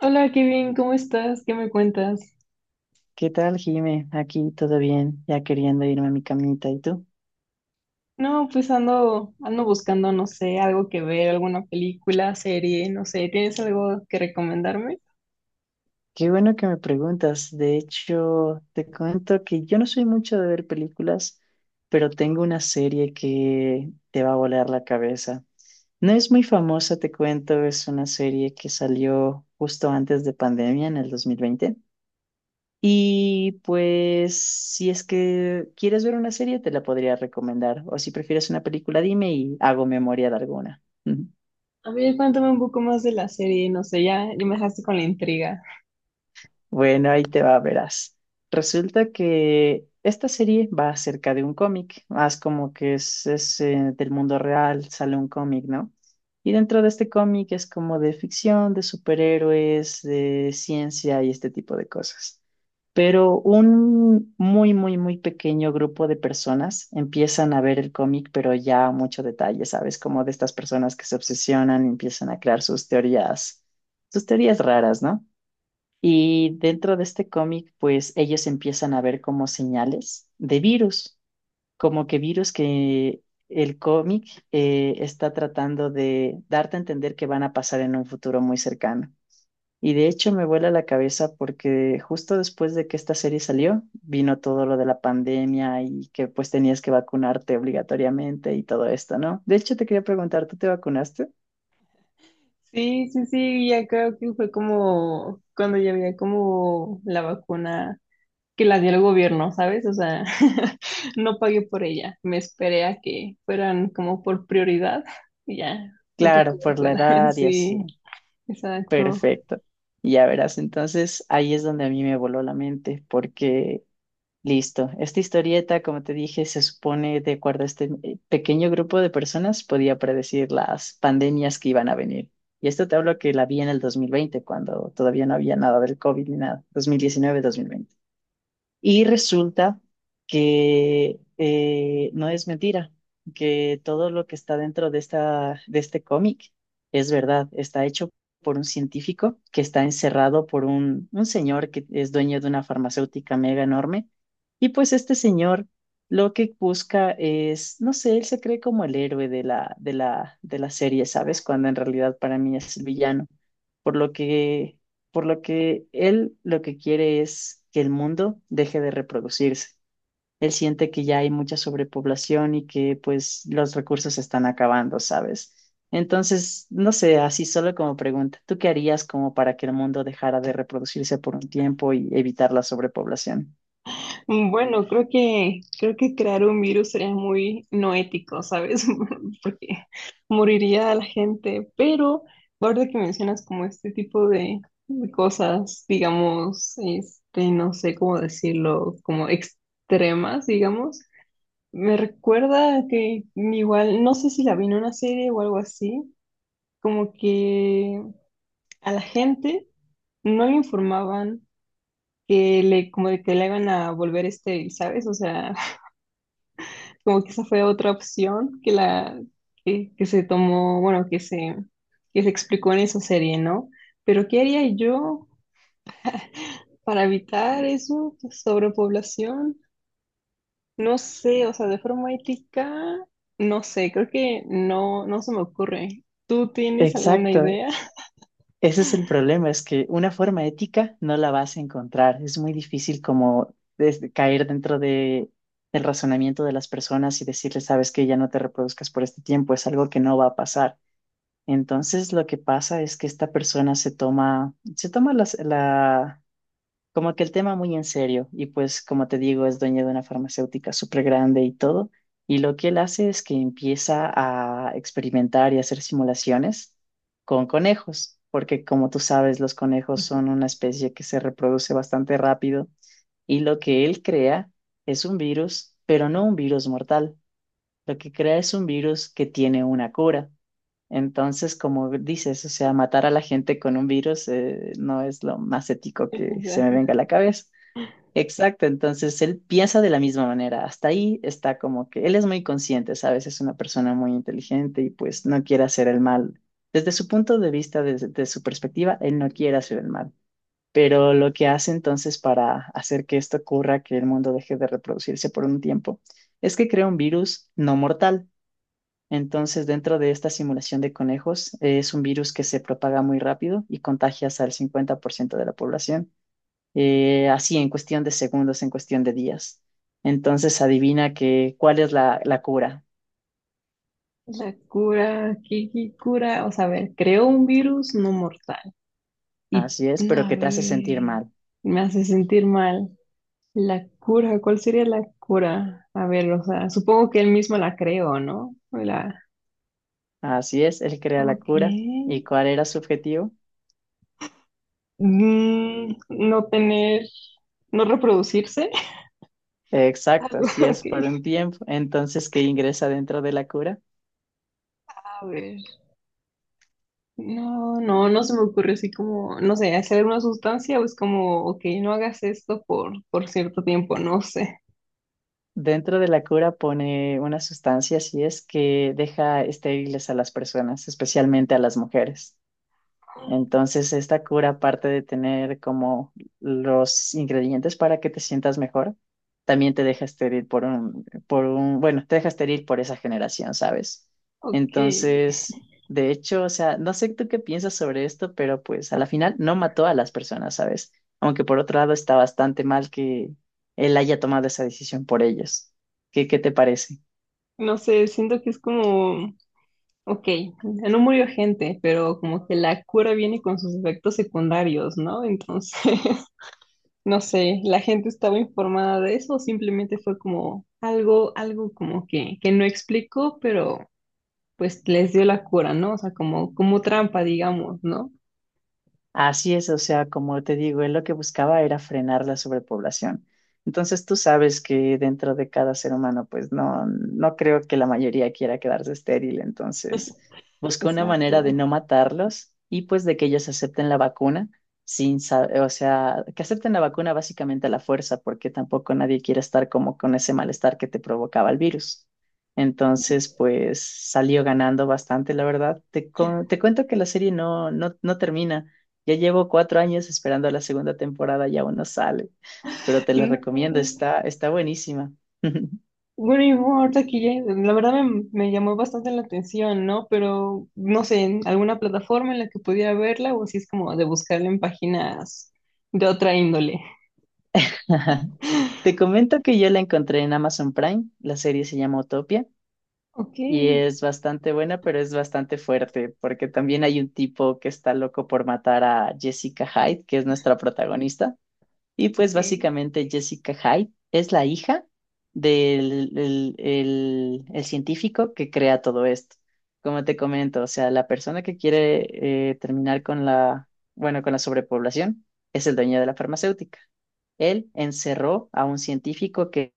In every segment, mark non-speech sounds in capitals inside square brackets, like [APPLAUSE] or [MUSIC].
Hola, qué bien, ¿cómo estás? ¿Qué me cuentas? ¿Qué tal, Jime? Aquí todo bien, ya queriendo irme a mi camita. ¿Y tú? No, pues ando buscando, no sé, algo que ver, alguna película, serie, no sé, ¿tienes algo que recomendarme? Qué bueno que me preguntas. De hecho, te cuento que yo no soy mucho de ver películas, pero tengo una serie que te va a volar la cabeza. No es muy famosa, te cuento, es una serie que salió justo antes de pandemia, en el 2020. Y pues, si es que quieres ver una serie, te la podría recomendar. O si prefieres una película, dime y hago memoria de alguna. [LAUGHS] A ver, cuéntame un poco más de la serie, no sé, ya me dejaste con la intriga. Bueno, ahí te va, verás. Resulta que esta serie va acerca de un cómic, más como que es, del mundo real, sale un cómic, ¿no? Y dentro de este cómic es como de ficción, de superhéroes, de ciencia y este tipo de cosas. Pero un muy, muy, muy pequeño grupo de personas empiezan a ver el cómic, pero ya a mucho detalle, ¿sabes? Como de estas personas que se obsesionan, empiezan a crear sus teorías raras, ¿no? Y dentro de este cómic, pues ellos empiezan a ver como señales de virus, como que virus que el cómic está tratando de darte a entender que van a pasar en un futuro muy cercano. Y de hecho me vuela la cabeza porque justo después de que esta serie salió, vino todo lo de la pandemia y que pues tenías que vacunarte obligatoriamente y todo esto, ¿no? De hecho te quería preguntar, ¿tú te vacunaste? Sí, sí, sí, ya creo que fue como cuando ya había como la vacuna que la dio el gobierno, ¿sabes? O sea, [LAUGHS] no pagué por ella, me esperé a que fueran como por prioridad y ya, me tocó Claro, por la vacuna, [LAUGHS] edad y así. sí, exacto. Perfecto. Ya verás, entonces ahí es donde a mí me voló la mente, porque listo, esta historieta, como te dije, se supone, de acuerdo a este pequeño grupo de personas, podía predecir las pandemias que iban a venir. Y esto te hablo que la vi en el 2020 cuando todavía no había nada del COVID ni nada, dos mil diecinueve, mil veinte. Y resulta que no es mentira, que todo lo que está dentro de este cómic es verdad. Está hecho por un científico que está encerrado por un señor que es dueño de una farmacéutica mega enorme. Y pues este señor lo que busca es, no sé, él se cree como el héroe de la serie, ¿sabes? Cuando en realidad para mí es el villano. Por lo que por lo que él lo que quiere es que el mundo deje de reproducirse. Él siente que ya hay mucha sobrepoblación y que pues los recursos se están acabando, ¿sabes? Entonces, no sé, así solo como pregunta, ¿tú qué harías como para que el mundo dejara de reproducirse por un tiempo y evitar la sobrepoblación? Mm, bueno, creo que crear un virus sería muy no ético, ¿sabes? [LAUGHS] Porque moriría a la gente, pero ahora que mencionas como este tipo de cosas, digamos, este, no sé cómo decirlo, como extremas, digamos, me recuerda que igual, no sé si la vi en una serie o algo así, como que a la gente no le informaban que le, como de que le iban a volver estéril, ¿sabes? O sea, como que esa fue otra opción que se tomó, bueno, que se explicó en esa serie, ¿no? Pero ¿qué haría yo para evitar eso? Pues, sobrepoblación, no sé, o sea, de forma ética, no sé, creo que no, no se me ocurre. ¿Tú tienes alguna Exacto. idea? Ese es el problema, es que una forma ética no la vas a encontrar. Es muy difícil como desde caer dentro de, del razonamiento de las personas y decirles, sabes que ya no te reproduzcas por este tiempo, es algo que no va a pasar. Entonces lo que pasa es que esta persona se toma la, como que el tema muy en serio y pues como te digo es dueño de una farmacéutica súper grande y todo y lo que él hace es que empieza a experimentar y hacer simulaciones con conejos porque como tú sabes los conejos son una especie que se reproduce bastante rápido y lo que él crea es un virus pero no un virus mortal, lo que crea es un virus que tiene una cura. Entonces, como dices, o sea, matar a la gente con un virus no es lo más ético que se me [LAUGHS] venga a la cabeza. Exacto, entonces él piensa de la misma manera. Hasta ahí está como que él es muy consciente, ¿sabes? Es una persona muy inteligente y pues no quiere hacer el mal. Desde su punto de vista, desde, desde su perspectiva, él no quiere hacer el mal. Pero lo que hace entonces para hacer que esto ocurra, que el mundo deje de reproducirse por un tiempo, es que crea un virus no mortal. Entonces, dentro de esta simulación de conejos, es un virus que se propaga muy rápido y contagia hasta el 50% de la población así en cuestión de segundos, en cuestión de días. Entonces adivina que cuál es la, la cura. O sea, la cura, ¿qué, qué cura? O sea, a ver, creó un virus no mortal. Y, Así es, pero a que te hace sentir ver, mal. me hace sentir mal. La cura, ¿cuál sería la cura? A ver, o sea, supongo que él mismo la creó, ¿no? O la... Así es, él crea la Ok. cura. ¿Y cuál era su objetivo? Mm, no tener, no reproducirse. [LAUGHS] Exacto, Algo, si ok. es por un tiempo. Entonces, ¿qué ingresa dentro de la cura? A ver. No, no, no se me ocurre así como, no sé, hacer una sustancia o es como, ok, no hagas esto por cierto tiempo, no sé. Dentro de la cura pone una sustancia, así es, que deja estériles a las personas, especialmente a las mujeres. Entonces, esta cura, aparte de tener como los ingredientes para que te sientas mejor, también te deja estéril por un, bueno, te deja estéril por esa generación, ¿sabes? Ok. Entonces, de hecho, o sea, no sé tú qué piensas sobre esto, pero pues a la final no mató a las personas, ¿sabes? Aunque por otro lado está bastante mal que él haya tomado esa decisión por ellos. ¿Qué, qué te parece? No sé, siento que es como. Ok, no murió gente, pero como que la cura viene con sus efectos secundarios, ¿no? Entonces, [LAUGHS] no sé, ¿la gente estaba informada de eso o simplemente fue como algo, algo como que no explicó, pero pues les dio la cura, ¿no? O sea, como, como trampa, digamos, ¿no? Así es, o sea, como te digo, él lo que buscaba era frenar la sobrepoblación. Entonces tú sabes que dentro de cada ser humano, pues no creo que la mayoría quiera quedarse estéril. Entonces buscó una manera de Exacto. no matarlos y pues de que ellos acepten la vacuna sin, sa- o sea, que acepten la vacuna básicamente a la fuerza, porque tampoco nadie quiere estar como con ese malestar que te provocaba el virus. Entonces, pues salió ganando bastante, la verdad. Te cuento que la serie no termina. Ya llevo 4 años esperando la segunda temporada y aún no sale, pero [LAUGHS] te la recomiendo, No. está buenísima. [LAUGHS] Bueno, y bueno, ahorita que ya- la verdad me, me llamó bastante la atención, ¿no? Pero no sé, en alguna plataforma en la que pudiera verla o si es como de buscarla en páginas de otra índole. Te comento que yo la encontré en Amazon Prime, la serie se llama Utopia Ok, y es bastante buena, pero es bastante fuerte, porque también hay un tipo que está loco por matar a Jessica Hyde, que es nuestra protagonista. Y pues ok. básicamente Jessica Hyde es la hija del el científico que crea todo esto. Como te comento, o sea, la persona que quiere terminar con la, bueno, con la sobrepoblación es el dueño de la farmacéutica. Él encerró a un científico que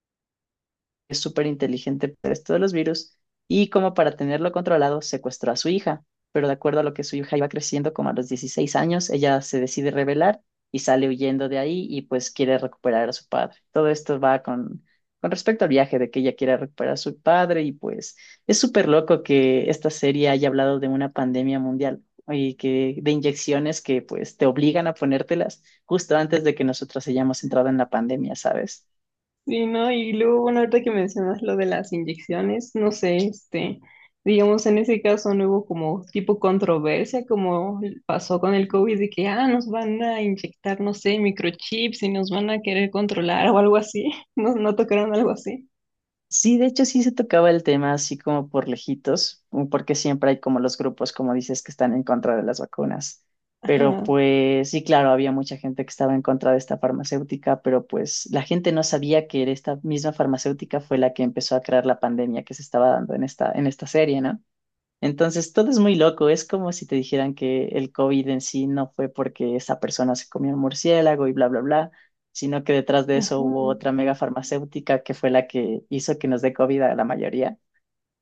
es súper inteligente para esto de los virus y como para tenerlo controlado secuestró a su hija, pero de acuerdo a lo que su hija iba creciendo, como a los 16 años, ella se decide rebelar y sale huyendo de ahí y pues quiere recuperar a su padre. Todo esto va con respecto al viaje de que ella quiere recuperar a su padre y pues es súper loco que esta serie haya hablado de una pandemia mundial y que de inyecciones que pues te obligan a ponértelas justo antes de que nosotros hayamos entrado en la pandemia, ¿sabes? Sí, ¿no? Y luego, bueno, ahorita que mencionas lo de las inyecciones, no sé, este, digamos, en ese caso no hubo como tipo controversia como pasó con el COVID de que, ah, nos van a inyectar, no sé, microchips y nos van a querer controlar o algo así. [LAUGHS] ¿No, no tocaron algo así? Sí, de hecho sí se tocaba el tema así como por lejitos, porque siempre hay como los grupos, como dices, que están en contra de las vacunas. Pero Ajá. pues sí, claro, había mucha gente que estaba en contra de esta farmacéutica, pero pues la gente no sabía que era esta misma farmacéutica fue la que empezó a crear la pandemia que se estaba dando en esta serie, ¿no? Entonces, todo es muy loco. Es como si te dijeran que el COVID en sí no fue porque esa persona se comió un murciélago y bla, bla, bla, sino que detrás de eso Ajá, hubo otra mega farmacéutica que fue la que hizo que nos dé COVID a la mayoría.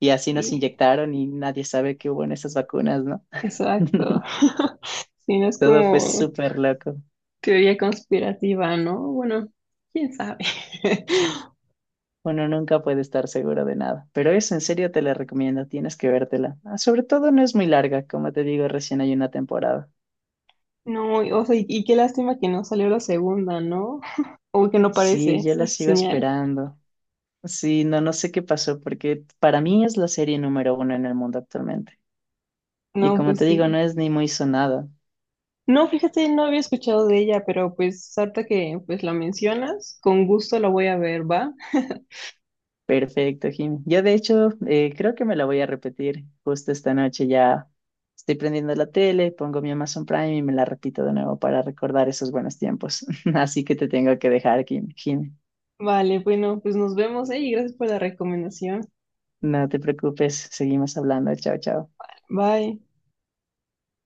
Y así nos y- inyectaron y nadie sabe qué hubo en esas vacunas, ¿no? exacto. [LAUGHS] [LAUGHS] Si no es Todo fue como súper loco. teoría conspirativa, ¿no? Bueno, quién sabe. [LAUGHS] Uno nunca puede estar seguro de nada. Pero eso en serio te la recomiendo. Tienes que vértela. Ah, sobre todo no es muy larga. Como te digo, recién hay una temporada. No, y- o sea, y qué lástima que no salió la segunda, ¿no? O que no parece Sí, yo esa la sigo señal. esperando. Sí, no, no sé qué pasó, porque para mí es la serie número 1 en el mundo actualmente. Y No, como pues te digo, sí. no es ni muy sonada. No, fíjate, no había escuchado de ella, pero pues ahorita que pues la mencionas, con gusto la voy a ver, ¿va? Perfecto, Jimmy. Yo de hecho creo que me la voy a repetir justo esta noche. Ya estoy prendiendo la tele, pongo mi Amazon Prime y me la repito de nuevo para recordar esos buenos tiempos. [LAUGHS] Así que te tengo que dejar, Jimmy. Vale, bueno, pues nos vemos, ¿eh? Y gracias por la recomendación. No te preocupes, seguimos hablando. Chao, chao. Bye.